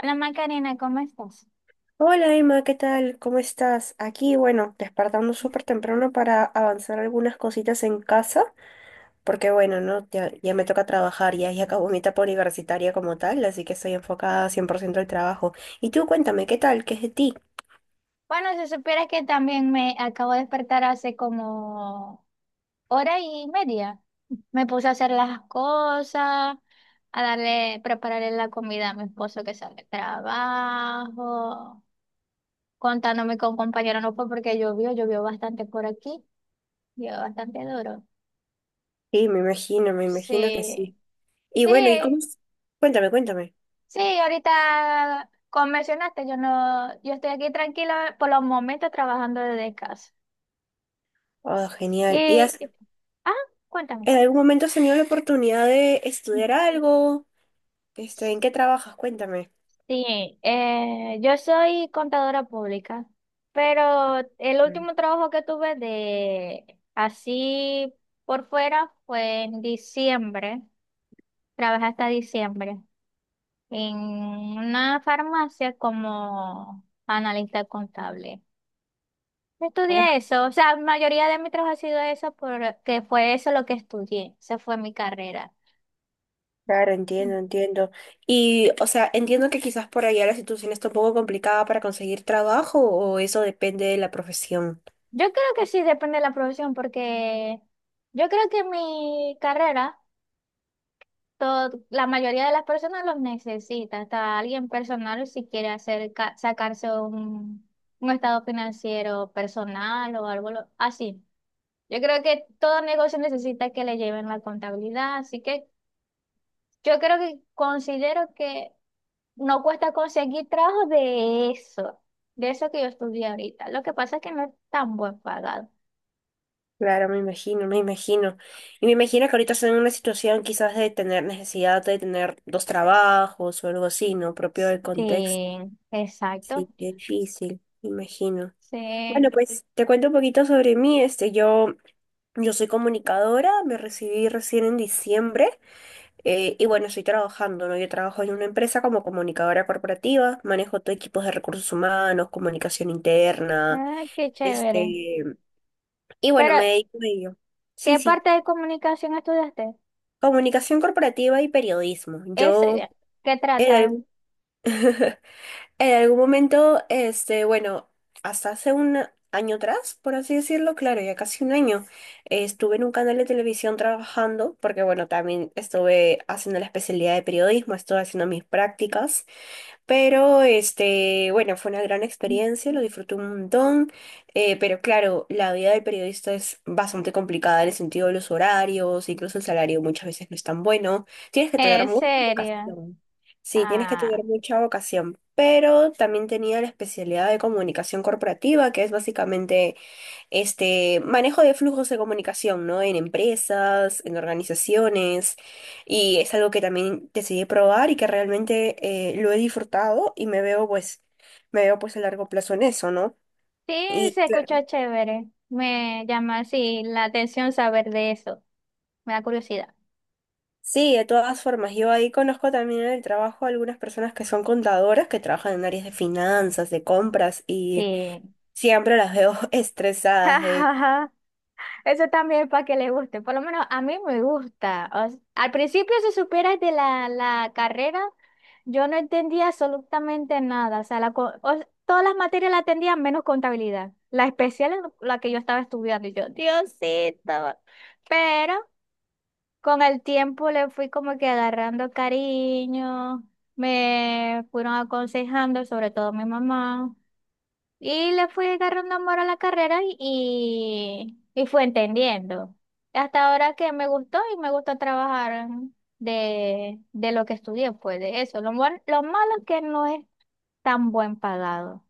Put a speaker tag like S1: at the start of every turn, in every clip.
S1: Hola Macarena, ¿cómo estás?
S2: Hola Emma, ¿qué tal? ¿Cómo estás? Aquí, bueno, despertando súper temprano para avanzar algunas cositas en casa, porque bueno, ¿no? Ya me toca trabajar, ya acabó mi etapa universitaria como tal, así que estoy enfocada 100% al trabajo. Y tú cuéntame, ¿qué tal? ¿Qué es de ti?
S1: Bueno, si supieras que también me acabo de despertar hace como hora y media. Me puse a hacer las cosas, a darle, prepararle la comida a mi esposo que sale del trabajo, contándome con compañero, no fue porque llovió, llovió bastante por aquí, llovió bastante duro.
S2: Sí, me imagino que
S1: Sí,
S2: sí. Y
S1: sí,
S2: bueno, ¿y cómo es? Cuéntame, cuéntame.
S1: sí, ahorita como mencionaste, yo no, yo estoy aquí tranquila por los momentos trabajando desde casa.
S2: Oh, genial. ¿Y
S1: Y Ah, Cuéntame.
S2: en algún momento has tenido la oportunidad de estudiar algo? ¿En qué trabajas? Cuéntame.
S1: Sí, yo soy contadora pública, pero el último trabajo que tuve de así por fuera fue en diciembre. Trabajé hasta diciembre en una farmacia como analista contable. Estudié eso, o sea, la mayoría de mi trabajo ha sido eso porque fue eso lo que estudié, esa fue mi carrera.
S2: Claro, entiendo, entiendo. Y, o sea, entiendo que quizás por allá la situación está un poco complicada para conseguir trabajo o eso depende de la profesión.
S1: Yo creo que sí, depende de la profesión, porque yo creo que en mi carrera, todo, la mayoría de las personas los necesita, hasta alguien personal si quiere hacer, sacarse un estado financiero personal o algo así. Yo creo que todo negocio necesita que le lleven la contabilidad, así que yo creo que considero que no cuesta conseguir trabajo de eso que yo estudié ahorita. Lo que pasa es que no es tan buen pagado.
S2: Claro, me imagino, me imagino. Y me imagino que ahorita están en una situación quizás de tener necesidad de tener dos trabajos o algo así, ¿no? Propio del contexto.
S1: Sí, exacto.
S2: Sí, qué difícil, me imagino. Bueno,
S1: Sí,
S2: pues te cuento un poquito sobre mí. Yo soy comunicadora, me recibí recién en diciembre. Y bueno, estoy trabajando, ¿no? Yo trabajo en una empresa como comunicadora corporativa, manejo todo equipos de recursos humanos, comunicación interna,
S1: ay, qué chévere.
S2: este, y bueno,
S1: Pero,
S2: me dedico a ello. Sí,
S1: ¿qué
S2: sí,
S1: parte de comunicación estudiaste?
S2: comunicación corporativa y periodismo.
S1: Es,
S2: Yo
S1: ¿qué
S2: en
S1: trata?
S2: algún, en algún momento, bueno, hasta hace un año atrás, por así decirlo, claro, ya casi un año, estuve en un canal de televisión trabajando, porque bueno, también estuve haciendo la especialidad de periodismo, estuve haciendo mis prácticas. Pero bueno, fue una gran experiencia, lo disfruté un montón. Pero claro, la vida del periodista es bastante complicada en el sentido de los horarios, incluso el salario muchas veces no es tan bueno. Tienes que tener
S1: Es
S2: mucha
S1: seria.
S2: vocación. Sí, tienes que
S1: Ah,
S2: tener mucha vocación. Pero también tenía la especialidad de comunicación corporativa, que es básicamente manejo de flujos de comunicación, ¿no? En empresas, en organizaciones, y es algo que también decidí probar y que realmente lo he disfrutado y me veo pues a largo plazo en eso, ¿no?
S1: sí,
S2: Y
S1: se
S2: claro,
S1: escucha chévere. Me llama así la atención saber de eso. Me da curiosidad.
S2: sí, de todas formas, yo ahí conozco también en el trabajo a algunas personas que son contadoras, que trabajan en áreas de finanzas, de compras, y
S1: Sí.
S2: siempre las veo
S1: Ja,
S2: estresadas. De
S1: ja, ja. Eso también para que le guste. Por lo menos a mí me gusta. Al principio, si supieras de la carrera, yo no entendía absolutamente nada. O sea, todas las materias las entendía menos contabilidad. La especial es la que yo estaba estudiando. Y yo, Diosito. Pero con el tiempo le fui como que agarrando cariño. Me fueron aconsejando, sobre todo mi mamá. Le fui agarrando amor a la carrera y fue entendiendo. Hasta ahora que me gustó y me gusta trabajar de lo que estudié, pues de eso. Lo malo es que no es tan buen pagado.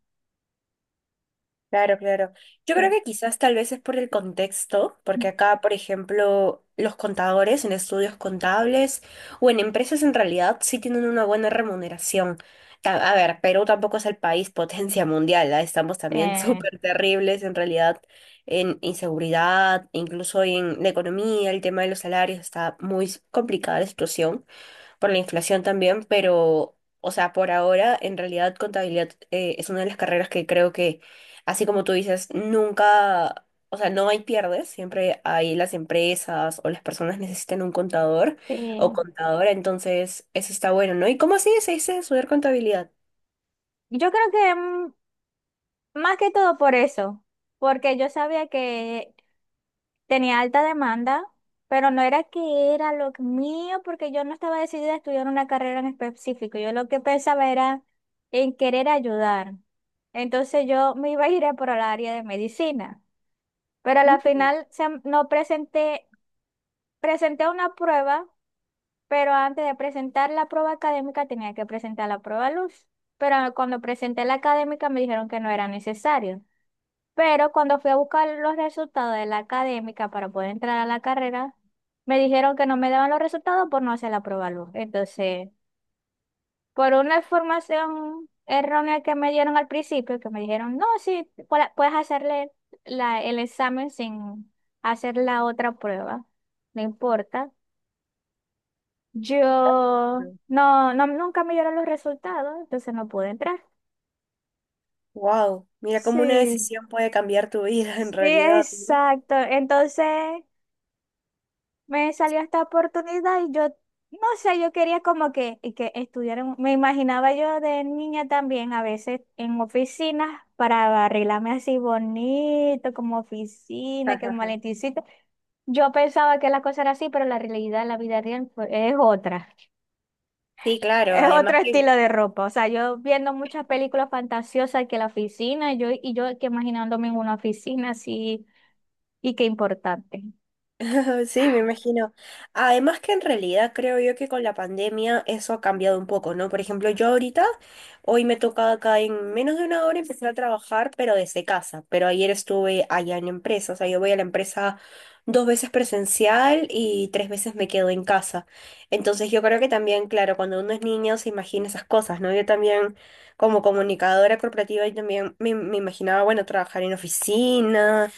S2: Claro, claro. Yo creo que quizás tal vez es por el contexto, porque acá, por ejemplo, los contadores en estudios contables o en empresas en realidad sí tienen una buena remuneración. A ver, Perú tampoco es el país potencia mundial, ¿ah? Estamos también
S1: Eh,
S2: súper terribles en realidad en inseguridad, incluso en la economía, el tema de los salarios está muy complicada la situación por la inflación también, pero, o sea, por ahora, en realidad, contabilidad es una de las carreras que creo que, así como tú dices, nunca, o sea, no hay pierdes, siempre hay las empresas o las personas necesitan un contador o
S1: sí.
S2: contadora, entonces eso está bueno, ¿no? ¿Y cómo así se dice estudiar contabilidad?
S1: Yo creo que más que todo por eso, porque yo sabía que tenía alta demanda, pero no era que era lo mío, porque yo no estaba decidida a estudiar una carrera en específico. Yo lo que pensaba era en querer ayudar. Entonces yo me iba a ir a por el área de medicina, pero a la final no presenté, presenté una prueba, pero antes de presentar la prueba académica tenía que presentar la prueba luz. Pero cuando presenté la académica me dijeron que no era necesario. Pero cuando fui a buscar los resultados de la académica para poder entrar a la carrera, me dijeron que no me daban los resultados por no hacer la prueba luz. Entonces, por una información errónea que me dieron al principio, que me dijeron, no, sí, puedes hacerle el examen sin hacer la otra prueba, no importa. Yo no, no, Nunca me dieron los resultados, entonces no pude entrar.
S2: Wow, mira cómo una
S1: Sí,
S2: decisión puede cambiar tu vida en
S1: sí,
S2: realidad, ¿no?
S1: exacto. Entonces me salió esta oportunidad y yo, no sé, yo quería como que, y que estudiar, me imaginaba yo de niña también a veces en oficinas para arreglarme así bonito, como oficina, que el maletincito. Yo pensaba que la cosa era así, pero la realidad la vida real es otra.
S2: Sí, claro,
S1: Es otro
S2: además
S1: estilo
S2: que
S1: de ropa. O sea, yo viendo muchas películas fantasiosas que la oficina, yo, y yo que imaginándome en una oficina así, y qué importante.
S2: Sí, me imagino. Además que en realidad creo yo que con la pandemia eso ha cambiado un poco, ¿no? Por ejemplo, yo ahorita, hoy me toca acá en menos de una hora empezar a trabajar, pero desde casa. Pero ayer estuve allá en empresa, o sea, yo voy a la empresa dos veces presencial y tres veces me quedo en casa. Entonces yo creo que también, claro, cuando uno es niño se imagina esas cosas, ¿no? Yo también como comunicadora corporativa, yo también me imaginaba, bueno, trabajar en oficinas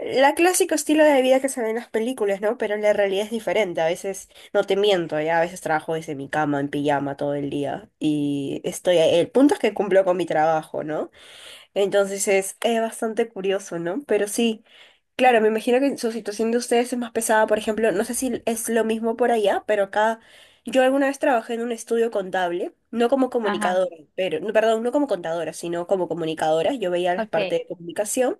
S2: la clásico estilo de vida que se ve en las películas, ¿no? Pero la realidad es diferente. A veces, no te miento, ya a veces trabajo desde mi cama en pijama todo el día y estoy ahí. El punto es que cumplo con mi trabajo, ¿no? Entonces es bastante curioso, ¿no? Pero sí, claro, me imagino que su situación de ustedes es más pesada. Por ejemplo, no sé si es lo mismo por allá, pero acá yo alguna vez trabajé en un estudio contable, no como
S1: Ajá,
S2: comunicadora, pero, no, perdón, no como contadora, sino como comunicadora. Yo veía las
S1: ok.
S2: partes de comunicación.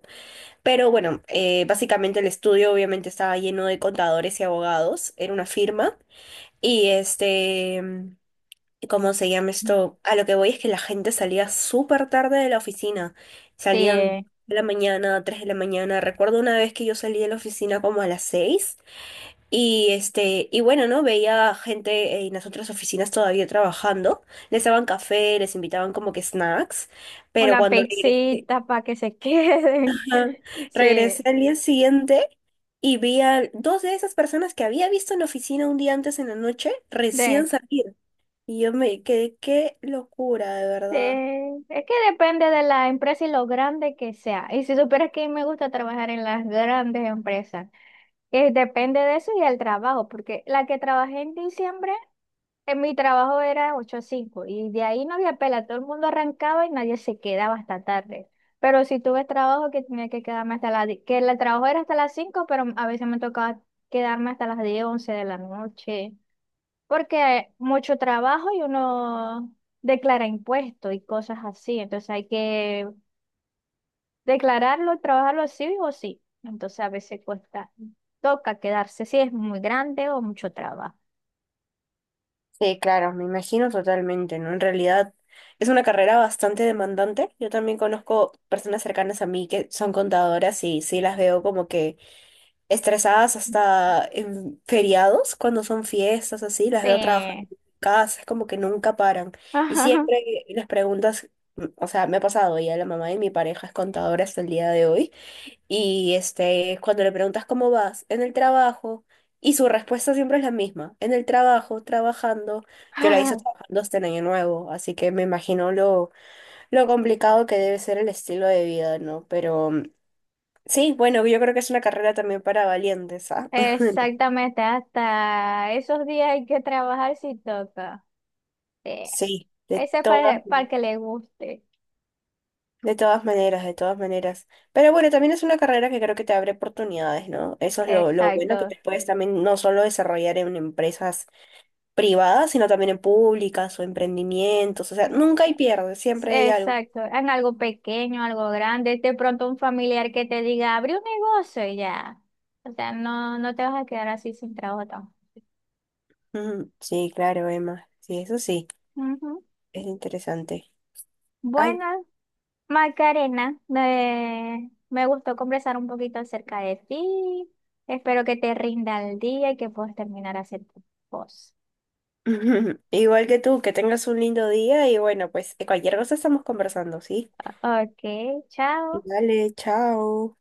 S2: Pero bueno, básicamente el estudio obviamente estaba lleno de contadores y abogados, era una firma. Y este, mm, ¿Cómo se llama esto? A lo que voy es que la gente salía súper tarde de la oficina. Salían
S1: Sí,
S2: 3 de la mañana. Recuerdo una vez que yo salí de la oficina como a las 6. Y bueno, ¿no? Veía gente en las otras oficinas todavía trabajando. Les daban café, les invitaban como que snacks.
S1: o
S2: Pero
S1: la
S2: cuando regresé,
S1: pizzita para que se queden.
S2: ajá,
S1: Sí,
S2: regresé al día siguiente. Y vi a dos de esas personas que había visto en la oficina un día antes en la noche recién
S1: de,
S2: salir. Y yo me quedé, qué locura, de
S1: sí.
S2: verdad.
S1: Es que depende de la empresa y lo grande que sea. Y si supieras que me gusta trabajar en las grandes empresas, que depende de eso y el trabajo, porque la que trabajé en diciembre, en mi trabajo era 8 a 5 y de ahí no había pela, todo el mundo arrancaba y nadie se quedaba hasta tarde. Pero si tuve trabajo que tenía que quedarme hasta que el trabajo era hasta las 5 pero a veces me tocaba quedarme hasta las 10 11 de la noche, porque hay mucho trabajo y uno declara impuestos y cosas así, entonces hay que declararlo, trabajarlo sí o sí, entonces a veces cuesta, toca quedarse si es muy grande o mucho trabajo.
S2: Sí, claro, me imagino totalmente, ¿no? En realidad es una carrera bastante demandante. Yo también conozco personas cercanas a mí que son contadoras y sí las veo como que estresadas hasta en feriados, cuando son fiestas así, las veo trabajando
S1: Sí.
S2: en casa, es como que nunca paran. Y
S1: Ajá.
S2: siempre les preguntas, o sea, me ha pasado, ya la mamá de mi pareja es contadora hasta el día de hoy, cuando le preguntas cómo vas en el trabajo, y su respuesta siempre es la misma, en el trabajo, trabajando, yo la hice
S1: Ah,
S2: trabajando hasta el año nuevo, así que me imagino lo complicado que debe ser el estilo de vida, ¿no? Pero sí, bueno, yo creo que es una carrera también para valientes, ¿ah?
S1: exactamente, hasta esos días hay que trabajar si toca. Sí.
S2: Sí,
S1: Ese es para que le guste.
S2: de todas maneras, de todas maneras. Pero bueno, también es una carrera que creo que te abre oportunidades, ¿no? Eso es lo bueno que
S1: Exacto.
S2: te puedes también no solo desarrollar en empresas privadas, sino también en públicas o emprendimientos. O sea, nunca hay pierde, siempre hay algo.
S1: Exacto, en algo pequeño, algo grande, de pronto un familiar que te diga, abre un negocio y ya. O sea, no te vas a quedar así sin trabajo tampoco.
S2: Ujú, sí, claro, Emma. Sí, eso sí,
S1: Ujú.
S2: es interesante. Ay.
S1: Bueno, Macarena, me gustó conversar un poquito acerca de ti. Espero que te rinda el día y que puedas terminar a hacer tu cosas.
S2: Igual que tú, que tengas un lindo día y bueno, pues cualquier cosa estamos conversando, ¿sí?
S1: Ok, chao.
S2: Dale, chao.